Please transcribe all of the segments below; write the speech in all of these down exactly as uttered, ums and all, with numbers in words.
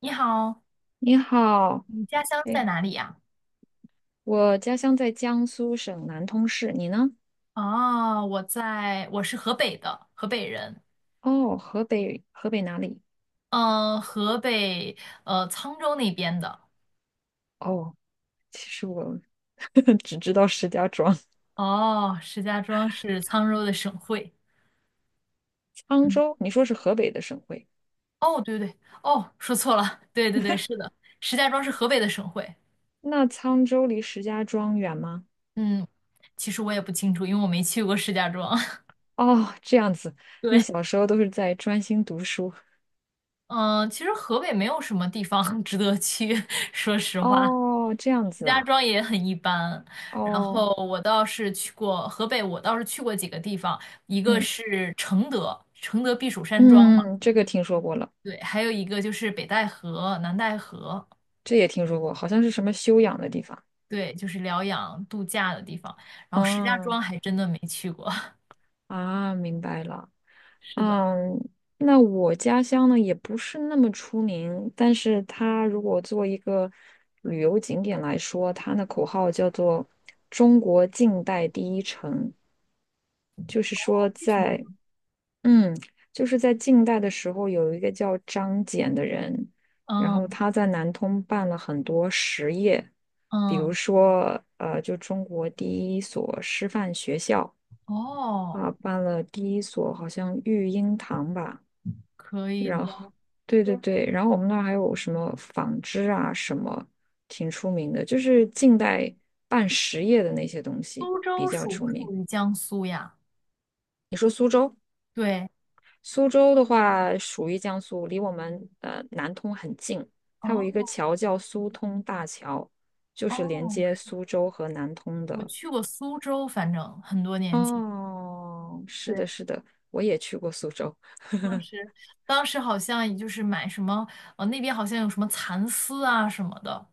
你好，你好。你家乡在哎，哪里呀？我家乡在江苏省南通市，你呢？哦，我在，我是河北的，河北人。哦，河北，河北哪里？嗯、河北呃沧州那边的。哦，其实我 只知道石家庄、哦，石家庄是沧州的省会。沧州。你说是河北的省会，哦，对对对，哦，说错了，对对对，是的，石家庄是河北的省会。那沧州离石家庄远吗？嗯，其实我也不清楚，因为我没去过石家庄。哦，这样子，你对，小时候都是在专心读书。嗯、其实河北没有什么地方 值得去，说实话。哦，这样石子家啊。庄也很一般，然哦，后我倒是去过河北，我倒是去过几个地方，一个嗯是承德，承德避暑山庄嘛，嗯，这个听说过了，对，还有一个就是北戴河、南戴河，这也听说过，好像是什么修养的地方。对，就是疗养度假的地方。然后石家嗯庄还真的没去过，啊，明白了。是的，嗯，那我家乡呢也不是那么出名，但是它如果做一个旅游景点来说，它的口号叫做“中国近代第一城”，就是说为什么？在嗯，就是在近代的时候，有一个叫张謇的人，然后嗯他在南通办了很多实业，比如嗯，说呃，就中国第一所师范学校啊，哦，办了第一所好像育婴堂吧。可以然后，的。对对对，然后我们那儿还有什么纺织啊，什么挺出名的，就是近代办实业的那些东西苏比州较属出不属名。于江苏呀？你说苏州，对，苏州的话属于江苏，离我们呃南通很近，它有哦一个桥叫苏通大桥，就是连哦，接苏州和南通我的。去过苏州，反正很多年前。哦，是的，对。是的，我也去过苏州。当 时当时好像也就是买什么，呃，那边好像有什么蚕丝啊什么的，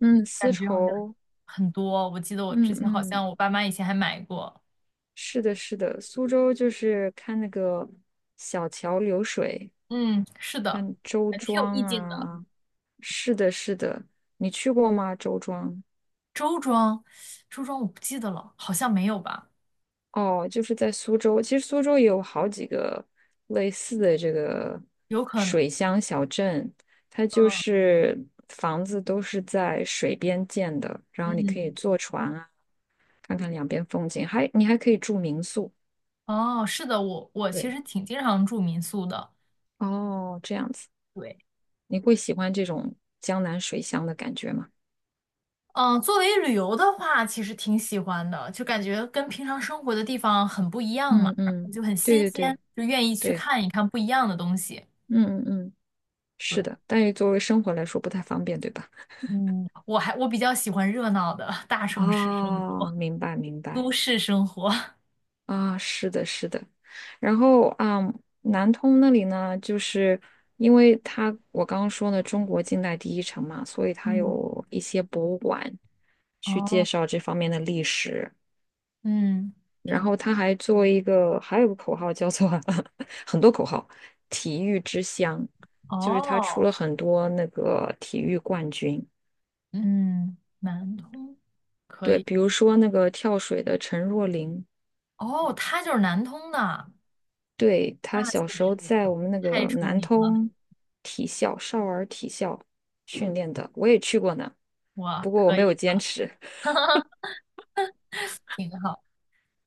嗯，丝感觉好像绸，很多。我记得我嗯之前好嗯。像我爸妈以前还买过，是的，是的，苏州就是看那个小桥流水，嗯，是的，看周感觉挺有庄意境的。啊。是的，是的，你去过吗？周庄？周庄，周庄我不记得了，好像没有吧，哦，就是在苏州。其实苏州也有好几个类似的这个有可能，水乡小镇，它就嗯是房子都是在水边建的，然后你可嗯，以坐船啊，看看两边风景，还你还可以住民宿。哦，是的，我我其对，实挺经常住民宿的，哦，这样子。对，你会喜欢这种江南水乡的感觉吗？嗯，作为旅游的话，其实挺喜欢的，就感觉跟平常生活的地方很不一样嘛，嗯然后嗯，就很对新对鲜，对就愿意去对，看一看不一样的东西。嗯嗯嗯，是对，的，但是作为生活来说不太方便，对吧？嗯，我还我比较喜欢热闹的大城市生哦，活，明白明都白市生活。啊，是的，是的。然后啊，南通那里呢，就是因为它我刚刚说呢，中国近代第一城嘛，所以它嗯，有一些博物馆去介哦，绍这方面的历史，嗯，然挺，后他还做一个，还有个口号叫做 很多口号，体育之乡，就是他出哦，了很多那个体育冠军。嗯，南通可对，以，比如说那个跳水的陈若琳，哦，他就是南通的，对，他那小确时候实在我们那太个出南名了，通体校少儿体校训练的，我也去过呢，哇，不过我可没有以坚的，持。挺好。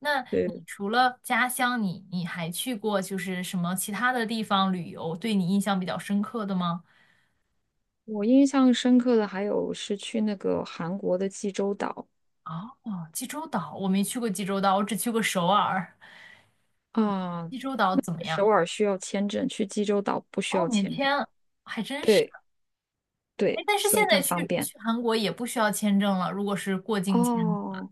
那你对，除了家乡，你你还去过就是什么其他的地方旅游，对你印象比较深刻的吗？我印象深刻的还有是去那个韩国的济州岛哦，济州岛，我没去过济州岛，我只去过首尔。啊，济州岛怎么去首样？尔需要签证，去济州岛不需哦，要免签证。签，还真是。对哎，对，但是所以现在更去方便。去韩国也不需要签证了，如果是过境签，哦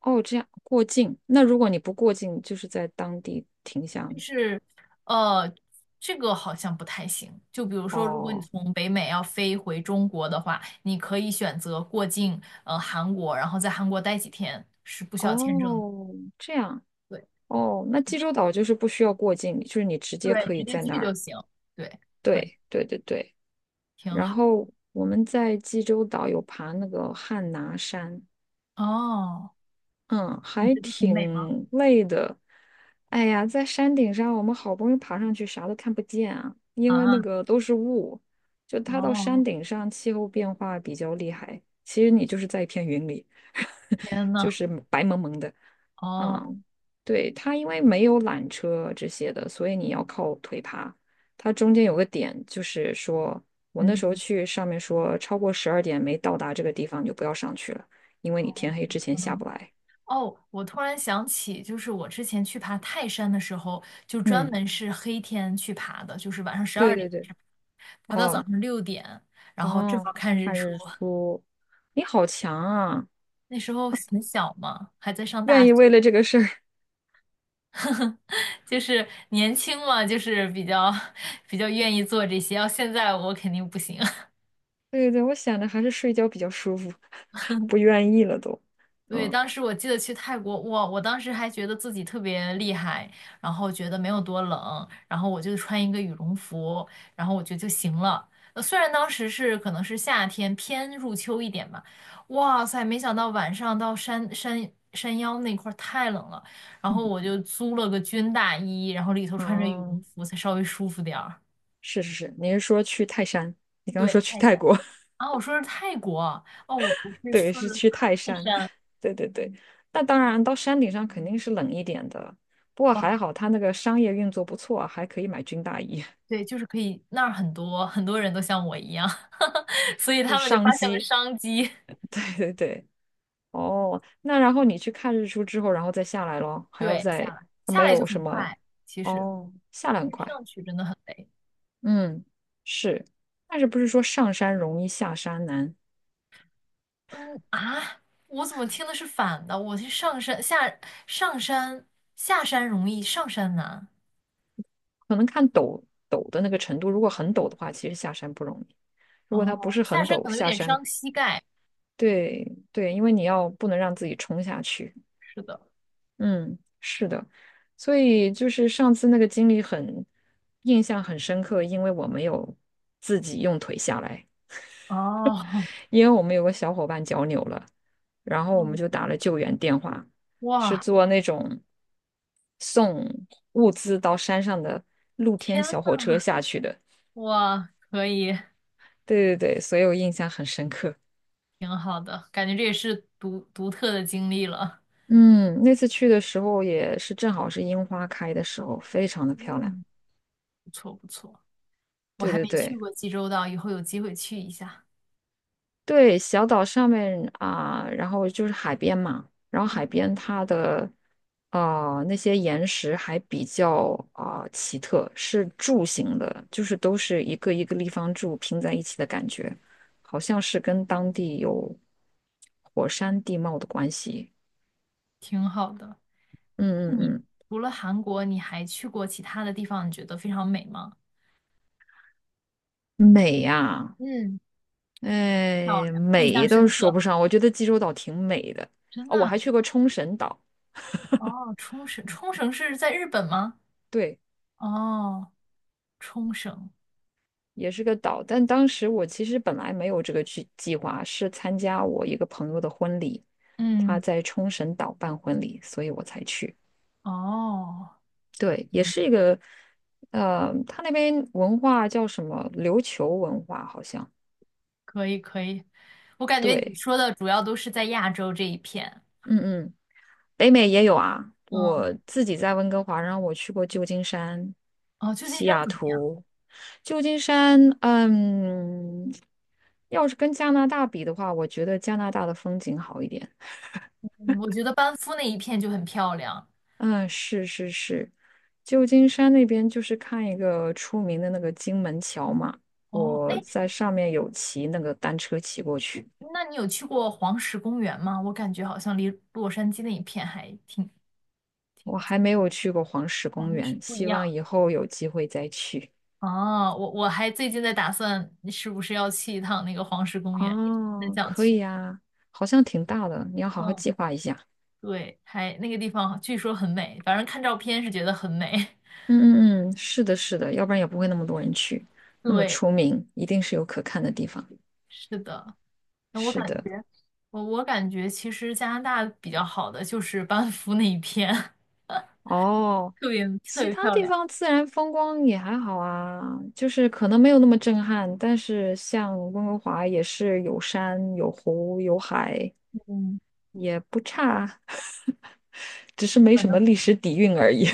哦，这样过境。那如果你不过境，就是在当地停下吗？是，呃，这个好像不太行。就比如说，如果你哦从北美要飞回中国的话，你可以选择过境，呃，韩国，然后在韩国待几天，是不需要签证的。哦，这样对，哦，那直济接州岛就是不需要过境，就是你直接对可直以接在那去就儿。行，对，可以，对对对对。挺然好。后我们在济州岛有爬那个汉拿山，哦，嗯，你还觉得很美吗？挺累的。哎呀，在山顶上，我们好不容易爬上去，啥都看不见啊，因为那啊，个都是雾。就它到山哦，顶上，气候变化比较厉害。其实你就是在一片云里，天 呐，就是白蒙蒙的。哦，嗯，对，它因为没有缆车这些的，所以你要靠腿爬。它中间有个点，就是说我那时候嗯，去上面说，超过十二点没到达这个地方，你就不要上去了，因为你天哦，黑之前可下不能。来。哦，我突然想起，就是我之前去爬泰山的时候，就专嗯，门是黑天去爬的，就是晚上十对二点对开对，始爬爬到早哦上六点，然后正哦，好看日看出。日出，你好强啊！那时候很小嘛，还在上大愿意学，为了这个事儿，就是年轻嘛，就是比较 比较愿意做这些。要现在我肯定不行。对对对，我想着还是睡觉比较舒服，不愿意了都。对，嗯当时我记得去泰国，哇，我当时还觉得自己特别厉害，然后觉得没有多冷，然后我就穿一个羽绒服，然后我觉得就行了。呃虽然当时是可能是夏天偏入秋一点吧，哇塞，没想到晚上到山山山腰那块儿太冷了，然后嗯，我就租了个军大衣，然后里头穿着羽绒哦，服才稍微舒服点儿。是是是，你是说去泰山？你刚刚对，说去太泰晒了国，啊，我说是泰国啊哦，我我 是对，说的是去泰泰山，山对对对。那当然，到山顶上肯定是冷一点的，不过哇，还好他那个商业运作不错，还可以买军大衣，对，就是可以，那儿很多很多人都像我一样，所以 就是他们就商发现了机。商机，对对对。哦，那然后你去看日出之后，然后再下来咯，还要对，下再，来它下没来就有什很么，快，其实哦，下来但很是快，上去真的很累。嗯，是，但是不是说上山容易下山难？嗯啊，我怎么听的是反的？我是上山下上山下山容易，上山难。可能看陡陡的那个程度，如果很陡的话，其实下山不容易；如果它不哦，是下很山陡，可能有下点山，伤膝盖，对对，因为你要不能让自己冲下去，是的。嗯，是的，所以就是上次那个经历很印象很深刻，因为我没有自己用腿下来。哦，因为我们有个小伙伴脚扭了，然后我们嗯，就打了救援电话，是哇，坐那种送物资到山上的露天天小火呐，车下去的。哇，可以。对对对，所以我印象很深刻。挺好的，感觉这也是独独特的经历了。嗯，那次去的时候也是正好是樱花开的时候，非常的漂亮。嗯，不错不错，我对还对没去对。过济州岛，以后有机会去一下。对，小岛上面啊、然后就是海边嘛，然后海嗯，边它的呃那些岩石还比较啊、奇特，是柱形的，就是都是一个一个立方柱拼在一起的感觉，好像是跟当地有火山地貌的关系。挺好的。那嗯你嗯除了韩国，你还去过其他的地方？你觉得非常美吗？嗯，美呀、嗯，漂哎，亮，印象美都深说刻。不上，我觉得济州岛挺美的。真哦，的我啊还去过冲绳岛，哦，冲绳，冲绳是在日本吗？对，哦，冲绳。也是个岛。但当时我其实本来没有这个计计划，是参加我一个朋友的婚礼，他嗯，在冲绳岛办婚礼，所以我才去。哦，对，也是一个，呃，他那边文化叫什么？琉球文化好像。可以可以。我感觉你对，说的主要都是在亚洲这一片。嗯嗯，北美也有啊。嗯，我自己在温哥华，然后我去过旧金山、哦，旧金西山雅怎么样？图。旧金山，嗯，要是跟加拿大比的话，我觉得加拿大的风景好一点。嗯我觉得班夫那一片就很漂亮。嗯，是是是，旧金山那边就是看一个出名的那个金门桥嘛，哦，我哎，在上面有骑那个单车骑过去，那你有去过黄石公园吗？我感觉好像离洛杉矶那一片还挺挺我近，还没有去过黄石哦，公那是园，不一希望样。以后有机会再去。哦，我我还最近在打算是不是要去一趟那个黄石公园，一直很哦，想可去。以啊，好像挺大的，你要好好嗯，计划一下。对，还那个地方据说很美，反正看照片是觉得很美。嗯嗯嗯，是的，是的，要不然也不会那么多人去，那么对，出名，一定是有可看的地方。是的，那我是感的，觉我我感觉其实加拿大比较好的就是班夫那一片。哦。特别特其别他漂地亮。方自然风光也还好啊，就是可能没有那么震撼，但是像温哥华也是有山有湖有海，嗯，也不差，只是没可什能么历史底蕴而已。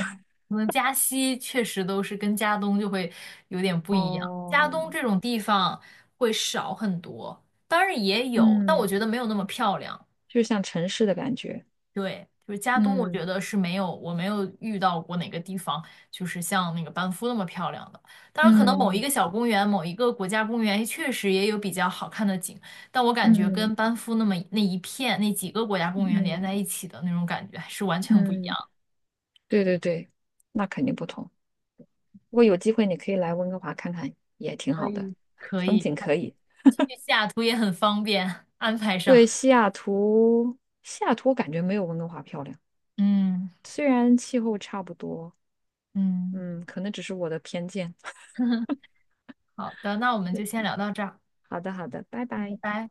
可能加西确实都是跟加东就会有点 不哦，一样，加东这种地方会少很多，当然也有，但我嗯，觉得没有那么漂亮。就像城市的感觉，对，就是加东，我觉嗯得是没有，我没有遇到过哪个地方就是像那个班夫那么漂亮的。当然，可能某一嗯个小公园、某一个国家公园确实也有比较好看的景，但我感觉嗯跟班夫那么那一片那几个国家公园连嗯在一起的那种感觉还是完全不一样。嗯，对对对，那肯定不同。如果有机会，你可以来温哥华看看，也挺可好的，以，可风以，景可以。去西雅图也很方便，安排对，上。西雅图，西雅图我感觉没有温哥华漂亮，嗯虽然气候差不多，嗯，嗯，可能只是我的偏见。好的，那我们就 先聊到这儿，好的，好的，拜拜拜。拜。